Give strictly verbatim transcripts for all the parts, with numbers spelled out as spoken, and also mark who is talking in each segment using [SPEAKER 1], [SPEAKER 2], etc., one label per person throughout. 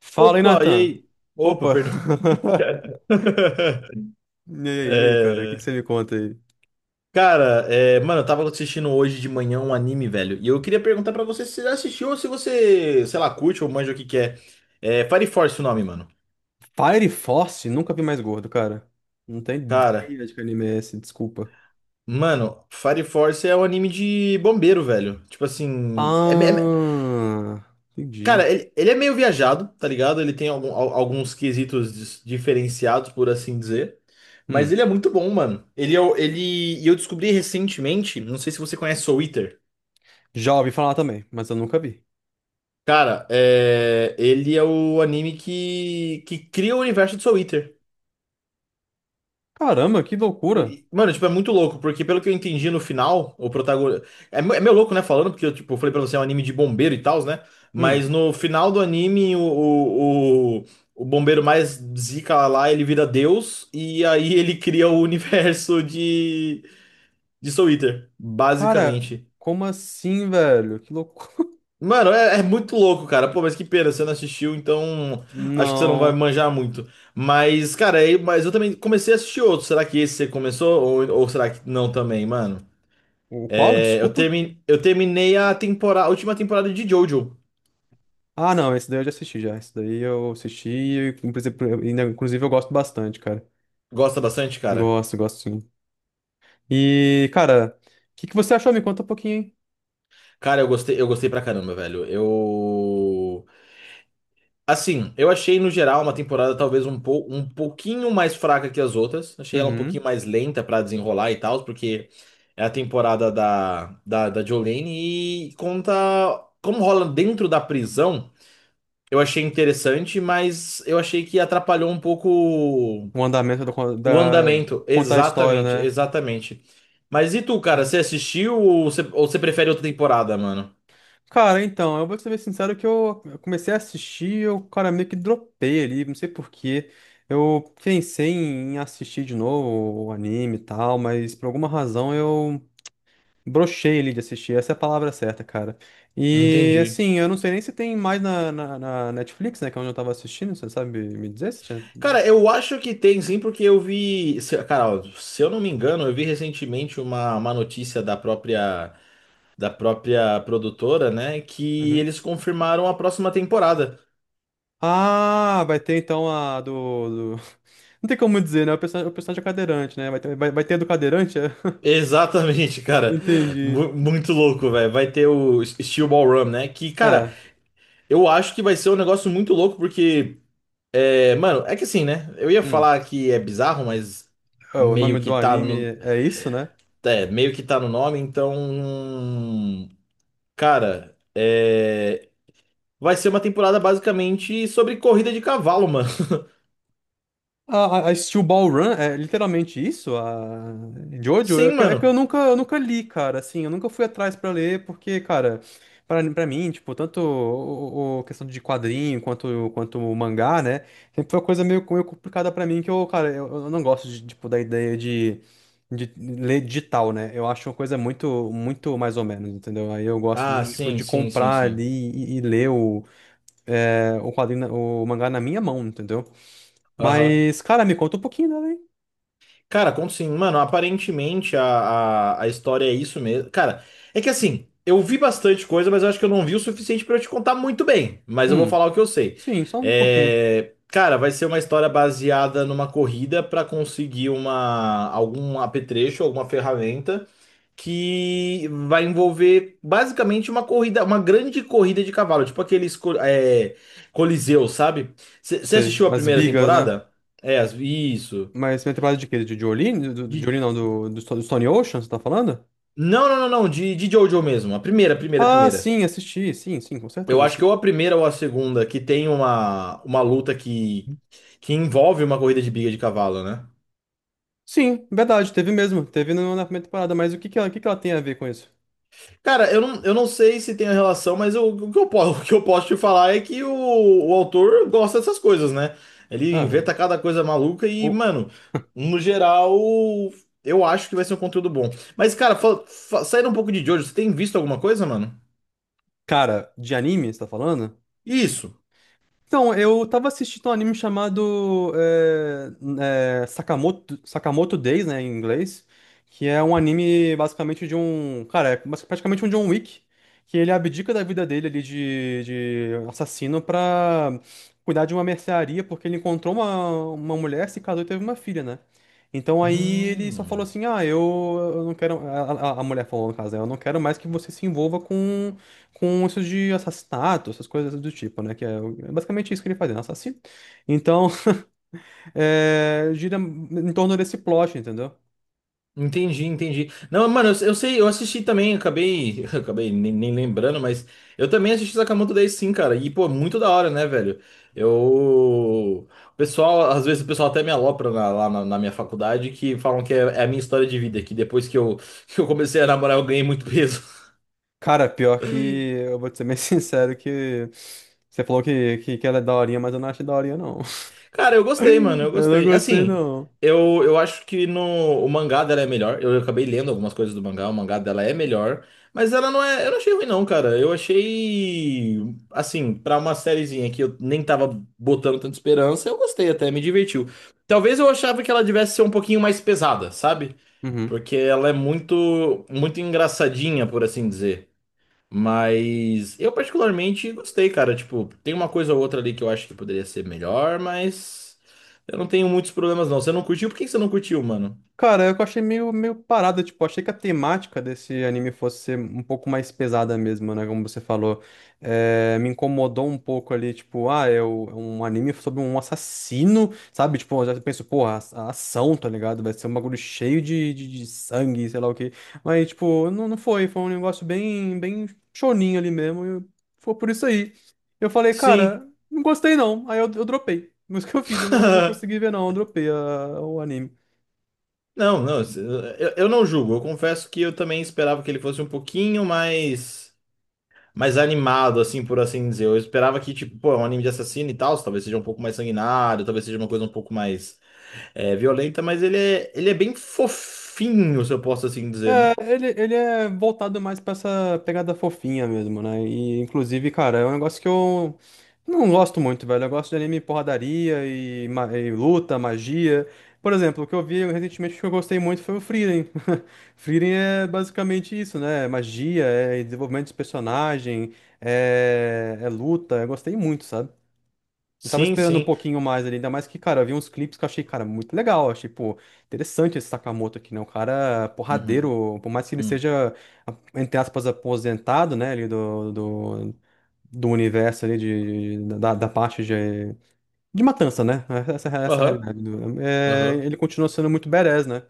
[SPEAKER 1] Fala aí,
[SPEAKER 2] Opa, e
[SPEAKER 1] Nathan.
[SPEAKER 2] aí? Opa,
[SPEAKER 1] Opa!
[SPEAKER 2] perdão.
[SPEAKER 1] E aí, e aí, cara? O que
[SPEAKER 2] É,
[SPEAKER 1] que você me conta aí?
[SPEAKER 2] cara, é, mano, eu tava assistindo hoje de manhã um anime, velho. E eu queria perguntar pra você se você já assistiu ou se você, sei lá, curte ou manja o que que é. É Fire Force o nome, mano.
[SPEAKER 1] Fire Force? Nunca vi mais gordo, cara. Não tem
[SPEAKER 2] Cara,
[SPEAKER 1] ideia de que anime é esse, desculpa.
[SPEAKER 2] mano, Fire Force é um anime de bombeiro, velho. Tipo assim, é,
[SPEAKER 1] Ah, entendi.
[SPEAKER 2] cara, ele, ele é meio viajado, tá ligado? Ele tem algum- al- alguns quesitos dis- diferenciados, por assim dizer. Mas ele
[SPEAKER 1] Hum,
[SPEAKER 2] é muito bom, mano. Ele, é o- ele, e eu descobri recentemente, não sei se você conhece Soul Eater.
[SPEAKER 1] Já ouvi falar também, mas eu nunca vi.
[SPEAKER 2] Cara, é, ele é o anime que, que cria o universo de Soul Eater.
[SPEAKER 1] Caramba, que loucura!
[SPEAKER 2] E, mano, tipo, é muito louco, porque pelo que eu entendi no final, o protagonista. É, me- é meio louco, né? Falando, porque eu, tipo, falei pra você, é um anime de bombeiro e tal, né?
[SPEAKER 1] Hum,
[SPEAKER 2] Mas no final do anime, o, o, o, o bombeiro mais zica lá, ele vira Deus, e aí ele cria o universo de, de Soul Eater,
[SPEAKER 1] Cara,
[SPEAKER 2] basicamente.
[SPEAKER 1] como assim, velho? Que loucura!
[SPEAKER 2] Mano, é, é muito louco, cara. Pô, mas que pena, você não assistiu, então acho que você não vai
[SPEAKER 1] Não.
[SPEAKER 2] manjar muito. Mas, cara, aí, mas eu também comecei a assistir outro. Será que esse você começou? Ou, ou será que não também, mano?
[SPEAKER 1] O qual?
[SPEAKER 2] É, eu,
[SPEAKER 1] Desculpa?
[SPEAKER 2] termi... eu terminei a temporada, a última temporada de Jojo.
[SPEAKER 1] Ah, não, esse daí eu já assisti já. Esse daí eu assisti e, inclusive, eu ainda- inclusive, eu gosto bastante, cara.
[SPEAKER 2] Gosta bastante, cara?
[SPEAKER 1] Gosto, gosto sim. E, cara, o que que você achou? Me conta um pouquinho, hein?
[SPEAKER 2] Cara, eu gostei, eu gostei pra caramba, velho. Eu. Assim, eu achei no geral uma temporada talvez um, pou... um pouquinho mais fraca que as outras. Achei ela um pouquinho
[SPEAKER 1] Uhum.
[SPEAKER 2] mais lenta pra desenrolar e tal, porque é a temporada da, da, da Jolene e conta como rola dentro da prisão. Eu achei interessante, mas eu achei que atrapalhou um pouco
[SPEAKER 1] O andamento da, con-
[SPEAKER 2] o
[SPEAKER 1] da-
[SPEAKER 2] andamento,
[SPEAKER 1] contar a história,
[SPEAKER 2] exatamente,
[SPEAKER 1] né?
[SPEAKER 2] exatamente. Mas e tu, cara,
[SPEAKER 1] Uhum.
[SPEAKER 2] você assistiu ou você, ou você prefere outra temporada, mano?
[SPEAKER 1] Cara, então, eu vou ser bem sincero que eu eu comecei a assistir. Eu, cara, meio que dropei ali, não sei por quê. Eu pensei em assistir de novo o anime e tal, mas por alguma razão eu brochei ali de assistir, essa é a palavra certa, cara. E,
[SPEAKER 2] Entendi.
[SPEAKER 1] assim, eu não sei nem se tem mais na, na, na Netflix, né, que é onde eu tava assistindo. Você sabe me dizer se tinha?
[SPEAKER 2] Cara, eu acho que tem sim, porque eu vi. se- Cara, ó, se eu não me engano, eu vi recentemente uma, uma notícia da própria, da própria produtora, né? Que
[SPEAKER 1] Uhum.
[SPEAKER 2] eles confirmaram a próxima temporada.
[SPEAKER 1] Ah, vai ter então a do, do- Não tem como dizer, né? O personagem, o personagem é cadeirante, né? Vai ter, vai, vai ter a do cadeirante? É?
[SPEAKER 2] Exatamente, cara.
[SPEAKER 1] Entendi.
[SPEAKER 2] Mu- muito louco, velho. Vai ter o Steel Ball Run, né? Que, cara,
[SPEAKER 1] É.
[SPEAKER 2] eu acho que vai ser um negócio muito louco, porque. É, mano, é que assim, né? Eu ia
[SPEAKER 1] Hum.
[SPEAKER 2] falar que é bizarro, mas
[SPEAKER 1] É, o
[SPEAKER 2] meio
[SPEAKER 1] nome
[SPEAKER 2] que
[SPEAKER 1] do
[SPEAKER 2] tá no,
[SPEAKER 1] anime é isso, né?
[SPEAKER 2] é, meio que tá no nome, então, cara, é, vai ser uma temporada basicamente sobre corrida de cavalo, mano.
[SPEAKER 1] A, a a Steel Ball Run é literalmente isso? A Jojo? É
[SPEAKER 2] Sim,
[SPEAKER 1] que, é que eu
[SPEAKER 2] mano.
[SPEAKER 1] nunca, eu nunca li, cara, assim, eu nunca fui atrás pra ler. Porque, cara, pra, pra mim, tipo, tanto o, o- o questão de quadrinho quanto, quanto o mangá, né, sempre foi uma coisa meio, meio complicada pra mim, que eu, cara, eu, eu não gosto, de, tipo, da ideia de, de, ler digital, né. Eu acho uma coisa muito, muito mais ou menos, entendeu? Aí eu gosto
[SPEAKER 2] Ah,
[SPEAKER 1] de, tipo,
[SPEAKER 2] sim,
[SPEAKER 1] de
[SPEAKER 2] sim, sim,
[SPEAKER 1] comprar ali
[SPEAKER 2] sim.
[SPEAKER 1] e, e ler o, é, o quadrinho, na- o mangá na minha mão, entendeu?
[SPEAKER 2] Aham.
[SPEAKER 1] Mas, cara, me conta um pouquinho dela, hein?
[SPEAKER 2] Cara, conto sim. Mano, aparentemente a, a, a história é isso mesmo. Cara, é que assim, eu vi bastante coisa, mas eu acho que eu não vi o suficiente pra eu te contar muito bem. Mas eu vou
[SPEAKER 1] Hum,
[SPEAKER 2] falar o que eu sei.
[SPEAKER 1] sim, só um pouquinho.
[SPEAKER 2] É, cara, vai ser uma história baseada numa corrida pra conseguir uma, algum apetrecho, alguma ferramenta que vai envolver basicamente uma corrida, uma grande corrida de cavalo, tipo aqueles co- é, Coliseu, sabe? Você
[SPEAKER 1] Sei,
[SPEAKER 2] assistiu a
[SPEAKER 1] as
[SPEAKER 2] primeira
[SPEAKER 1] bigas, né?
[SPEAKER 2] temporada? É, as- isso.
[SPEAKER 1] Mas você tem temporada de quê? De Jolene? Do, do Jolene, não, do, do Sto- do Stone Ocean, você tá falando?
[SPEAKER 2] Não, não, não, não, de, de Jojo mesmo. A primeira, a primeira, a
[SPEAKER 1] Ah,
[SPEAKER 2] primeira.
[SPEAKER 1] sim, assisti, sim, sim, com certeza
[SPEAKER 2] Eu acho que ou
[SPEAKER 1] assisti.
[SPEAKER 2] a primeira ou a segunda, que tem uma, uma luta que, que envolve uma corrida de briga de cavalo, né?
[SPEAKER 1] Sim, verdade, teve mesmo, teve no- na primeira temporada, mas o que que ela, o que que ela tem a ver com isso?
[SPEAKER 2] Cara, eu não, eu não sei se tem relação, mas eu- o que eu, po- o que eu posso te falar é que o, o autor gosta dessas coisas, né? Ele
[SPEAKER 1] Ah,
[SPEAKER 2] inventa cada coisa maluca e,
[SPEAKER 1] o,
[SPEAKER 2] mano, no geral, eu acho que vai ser um conteúdo bom. Mas, cara, fa- fa- saindo um pouco de Jojo, você tem visto alguma coisa, mano?
[SPEAKER 1] cara, de anime, você tá falando?
[SPEAKER 2] Isso.
[SPEAKER 1] Então, eu tava assistindo um anime chamado é, é, Sakamoto, Sakamoto Days, né, em inglês, que é um anime basicamente de um. Cara, é basic- praticamente um John Wick, que ele abdica da vida dele ali de, de assassino pra cuidar de uma mercearia, porque ele encontrou uma, uma mulher, se casou e teve uma filha, né? Então aí ele só falou
[SPEAKER 2] Hum.
[SPEAKER 1] assim, ah, eu, eu não quero. A, a a mulher falou no caso, né, eu não quero mais que você se envolva com com isso de assassinato, essas coisas do tipo, né? Que é, o- é basicamente isso que ele faz, né? Um assassino. Então, é, gira em torno desse plot, entendeu?
[SPEAKER 2] Entendi, entendi. Não, mano, eu, eu sei, eu assisti também, acabei, acabei nem, nem lembrando, mas eu também assisti Sakamoto Days sim, cara. E, pô, muito da hora, né, velho? Eu. O pessoal, às vezes o pessoal até me alopra na- lá na, na minha faculdade que falam que é, é a minha história de vida, que depois que eu, que eu comecei a namorar eu ganhei muito peso.
[SPEAKER 1] Cara, pior que eu vou te ser bem sincero que você falou que, que, que ela é daorinha, mas eu não achei daorinha, não.
[SPEAKER 2] Cara, eu gostei, mano, eu
[SPEAKER 1] Eu não
[SPEAKER 2] gostei.
[SPEAKER 1] gostei,
[SPEAKER 2] Assim,
[SPEAKER 1] não.
[SPEAKER 2] eu, eu acho que no, o mangá dela é melhor. Eu acabei lendo algumas coisas do mangá, o mangá dela é melhor. Mas ela não é. Eu não achei ruim, não, cara. Eu achei. Assim, pra uma sériezinha que eu nem tava botando tanta esperança, eu gostei até, me divertiu. Talvez eu achava que ela devesse ser um pouquinho mais pesada, sabe?
[SPEAKER 1] Uhum.
[SPEAKER 2] Porque ela é muito, muito engraçadinha, por assim dizer. Mas eu particularmente gostei, cara. Tipo, tem uma coisa ou outra ali que eu acho que poderia ser melhor, mas eu não tenho muitos problemas, não. Você não curtiu? Por que que você não curtiu, mano?
[SPEAKER 1] Cara, eu achei meio, meio parada, tipo, achei que a temática desse anime fosse ser um pouco mais pesada mesmo, né, como você falou. Eh, me incomodou um pouco ali, tipo, ah, é o- é um anime sobre um assassino, sabe? Tipo, eu já penso, porra, a, a ação, tá ligado? Vai ser um bagulho cheio de, de, de sangue, sei lá o quê. Mas, tipo, não, não foi, foi um negócio bem, bem choninho ali mesmo, e eu- foi por isso aí. Eu falei,
[SPEAKER 2] Sim.
[SPEAKER 1] cara, não gostei não, aí eu, eu dropei. Mas o que eu fiz, eu não, não consegui ver não, eu dropei a- o anime.
[SPEAKER 2] Não, não, eu, eu não julgo. Eu confesso que eu também esperava que ele fosse um pouquinho mais, mais animado, assim, por assim dizer. Eu esperava que, tipo, pô, é um anime de assassino e tal, talvez seja um pouco mais sanguinário, talvez seja uma coisa um pouco mais é, violenta, mas ele é, ele é bem fofinho, se eu posso assim dizer, né?
[SPEAKER 1] É, ele, ele é voltado mais pra essa pegada fofinha mesmo, né? E, inclusive, cara, é um negócio que eu não gosto muito, velho. Eu gosto de anime porradaria e, ma- e luta, magia. Por exemplo, o que eu vi recentemente que eu gostei muito foi o Frieren. Frieren é basicamente isso, né? É magia, é desenvolvimento de personagem, é, é luta. Eu gostei muito, sabe? Eu tava
[SPEAKER 2] Sim,
[SPEAKER 1] esperando um
[SPEAKER 2] sim.
[SPEAKER 1] pouquinho mais ali, ainda mais que, cara, eu vi uns clipes que eu achei, cara, muito legal. Achei, pô, interessante esse Sakamoto aqui, né? Um cara
[SPEAKER 2] Uhum,
[SPEAKER 1] porradeiro, por mais que ele
[SPEAKER 2] uhum.
[SPEAKER 1] seja, a- entre aspas, aposentado, né, ali do, do, do universo ali, de, de- da, da parte de, de matança, né? Essa, essa é a
[SPEAKER 2] Aham,
[SPEAKER 1] realidade. do- é,
[SPEAKER 2] aham.
[SPEAKER 1] ele continua sendo muito badass, né?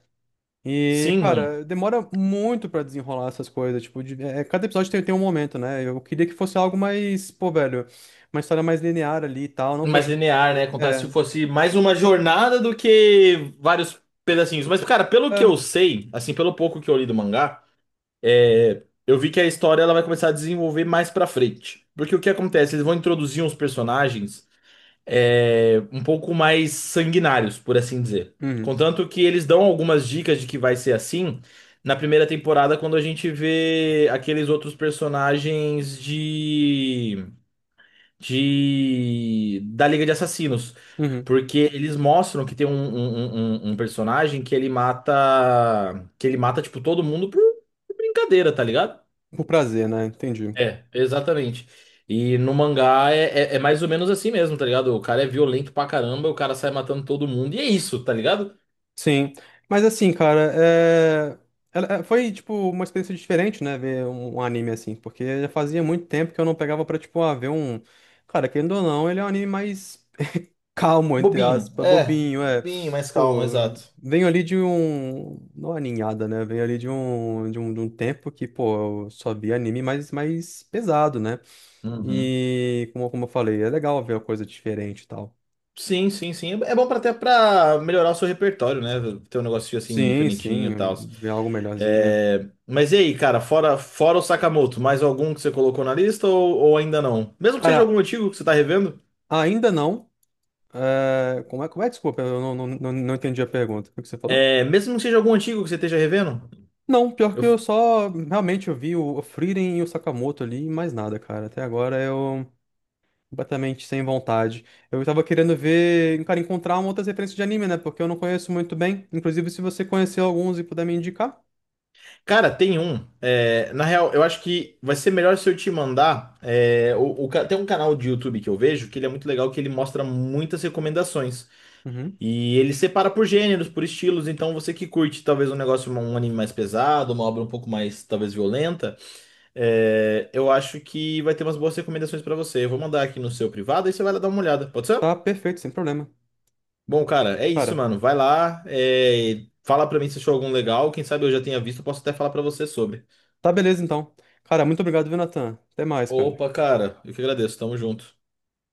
[SPEAKER 1] E,
[SPEAKER 2] Sim, mano.
[SPEAKER 1] cara, demora muito pra desenrolar essas coisas. Tipo, de- é, cada episódio tem, tem um momento, né? Eu queria que fosse algo mais, pô, velho, uma história mais linear ali e tal. Não
[SPEAKER 2] Mais
[SPEAKER 1] fosse.
[SPEAKER 2] linear, né? Contar se
[SPEAKER 1] É.
[SPEAKER 2] fosse mais uma jornada do que vários pedacinhos. Mas, cara, pelo que eu
[SPEAKER 1] É.
[SPEAKER 2] sei, assim, pelo pouco que eu li do mangá, é, eu vi que a história ela vai começar a desenvolver mais pra frente. Porque o que acontece? Eles vão introduzir uns personagens é, um pouco mais sanguinários, por assim dizer.
[SPEAKER 1] Uhum,
[SPEAKER 2] Contanto que eles dão algumas dicas de que vai ser assim na primeira temporada, quando a gente vê aqueles outros personagens de. De da Liga de Assassinos,
[SPEAKER 1] uhum.
[SPEAKER 2] porque eles mostram que tem um, um, um- um um personagem que ele mata que ele mata tipo todo mundo por, por brincadeira, tá ligado?
[SPEAKER 1] Por prazer, né? Entendi.
[SPEAKER 2] É, exatamente. E no mangá é, é, é mais ou menos assim mesmo, tá ligado? O cara é violento pra caramba, o cara sai matando todo mundo e é isso, tá ligado?
[SPEAKER 1] Sim. Mas assim, cara, é... ela- é, foi, tipo, uma experiência diferente, né? Ver um, um anime assim. Porque já fazia muito tempo que eu não pegava pra, tipo, ah, ver um. Cara, querendo ou não, ele é um anime mais calmo, entre
[SPEAKER 2] Bobinho,
[SPEAKER 1] aspas,
[SPEAKER 2] é,
[SPEAKER 1] bobinho, é.
[SPEAKER 2] bobinho, mais calmo,
[SPEAKER 1] Pô,
[SPEAKER 2] exato.
[SPEAKER 1] venho ali de um. Não aninhada, né? Venho ali de um, de um, de um tempo que, pô, eu só via anime mais, mais pesado, né?
[SPEAKER 2] Uhum.
[SPEAKER 1] E, como, como eu falei, é legal ver uma coisa diferente e tal.
[SPEAKER 2] Sim, sim, sim. É bom pra até pra melhorar o seu repertório, né? Ter um negocinho assim
[SPEAKER 1] Sim,
[SPEAKER 2] diferentinho e
[SPEAKER 1] sim,
[SPEAKER 2] tal.
[SPEAKER 1] ver algo melhorzinho.
[SPEAKER 2] É, mas e aí, cara, fora, fora o Sakamoto, mais algum que você colocou na lista ou, ou ainda não? Mesmo que seja
[SPEAKER 1] Cara,
[SPEAKER 2] algum antigo que você tá revendo?
[SPEAKER 1] ainda não. É, como é, como é? Desculpa, eu não, não, não, não entendi a pergunta. O que você falou?
[SPEAKER 2] É, mesmo que seja algum antigo que você esteja revendo?
[SPEAKER 1] Não, pior que
[SPEAKER 2] Eu-
[SPEAKER 1] eu só realmente eu vi o Frieren e o Sakamoto ali e mais nada, cara. Até agora eu completamente sem vontade. Eu tava querendo ver, cara, encontrar uma outras referências de anime, né? Porque eu não conheço muito bem. Inclusive, se você conhecer alguns e puder me indicar,
[SPEAKER 2] Cara, tem um. É, na real, eu acho que vai ser melhor se eu te mandar. É, o- o ca- tem um canal de YouTube que eu vejo que ele é muito legal, que ele mostra muitas recomendações.
[SPEAKER 1] uhum,
[SPEAKER 2] E ele separa por gêneros, por estilos, então você que curte talvez um negócio, um anime mais pesado, uma obra um pouco mais talvez violenta, é, eu acho que vai ter umas boas recomendações pra você. Eu vou mandar aqui no seu privado e você vai lá dar uma olhada, pode ser?
[SPEAKER 1] tá perfeito, sem problema.
[SPEAKER 2] Bom, cara, é isso,
[SPEAKER 1] Cara,
[SPEAKER 2] mano. Vai lá, é, fala pra mim se achou algum legal. Quem sabe eu já tenha visto, eu posso até falar pra você sobre.
[SPEAKER 1] tá beleza então. Cara, muito obrigado, viu, Natan? Até mais, cara.
[SPEAKER 2] Opa, cara, eu que agradeço, tamo junto.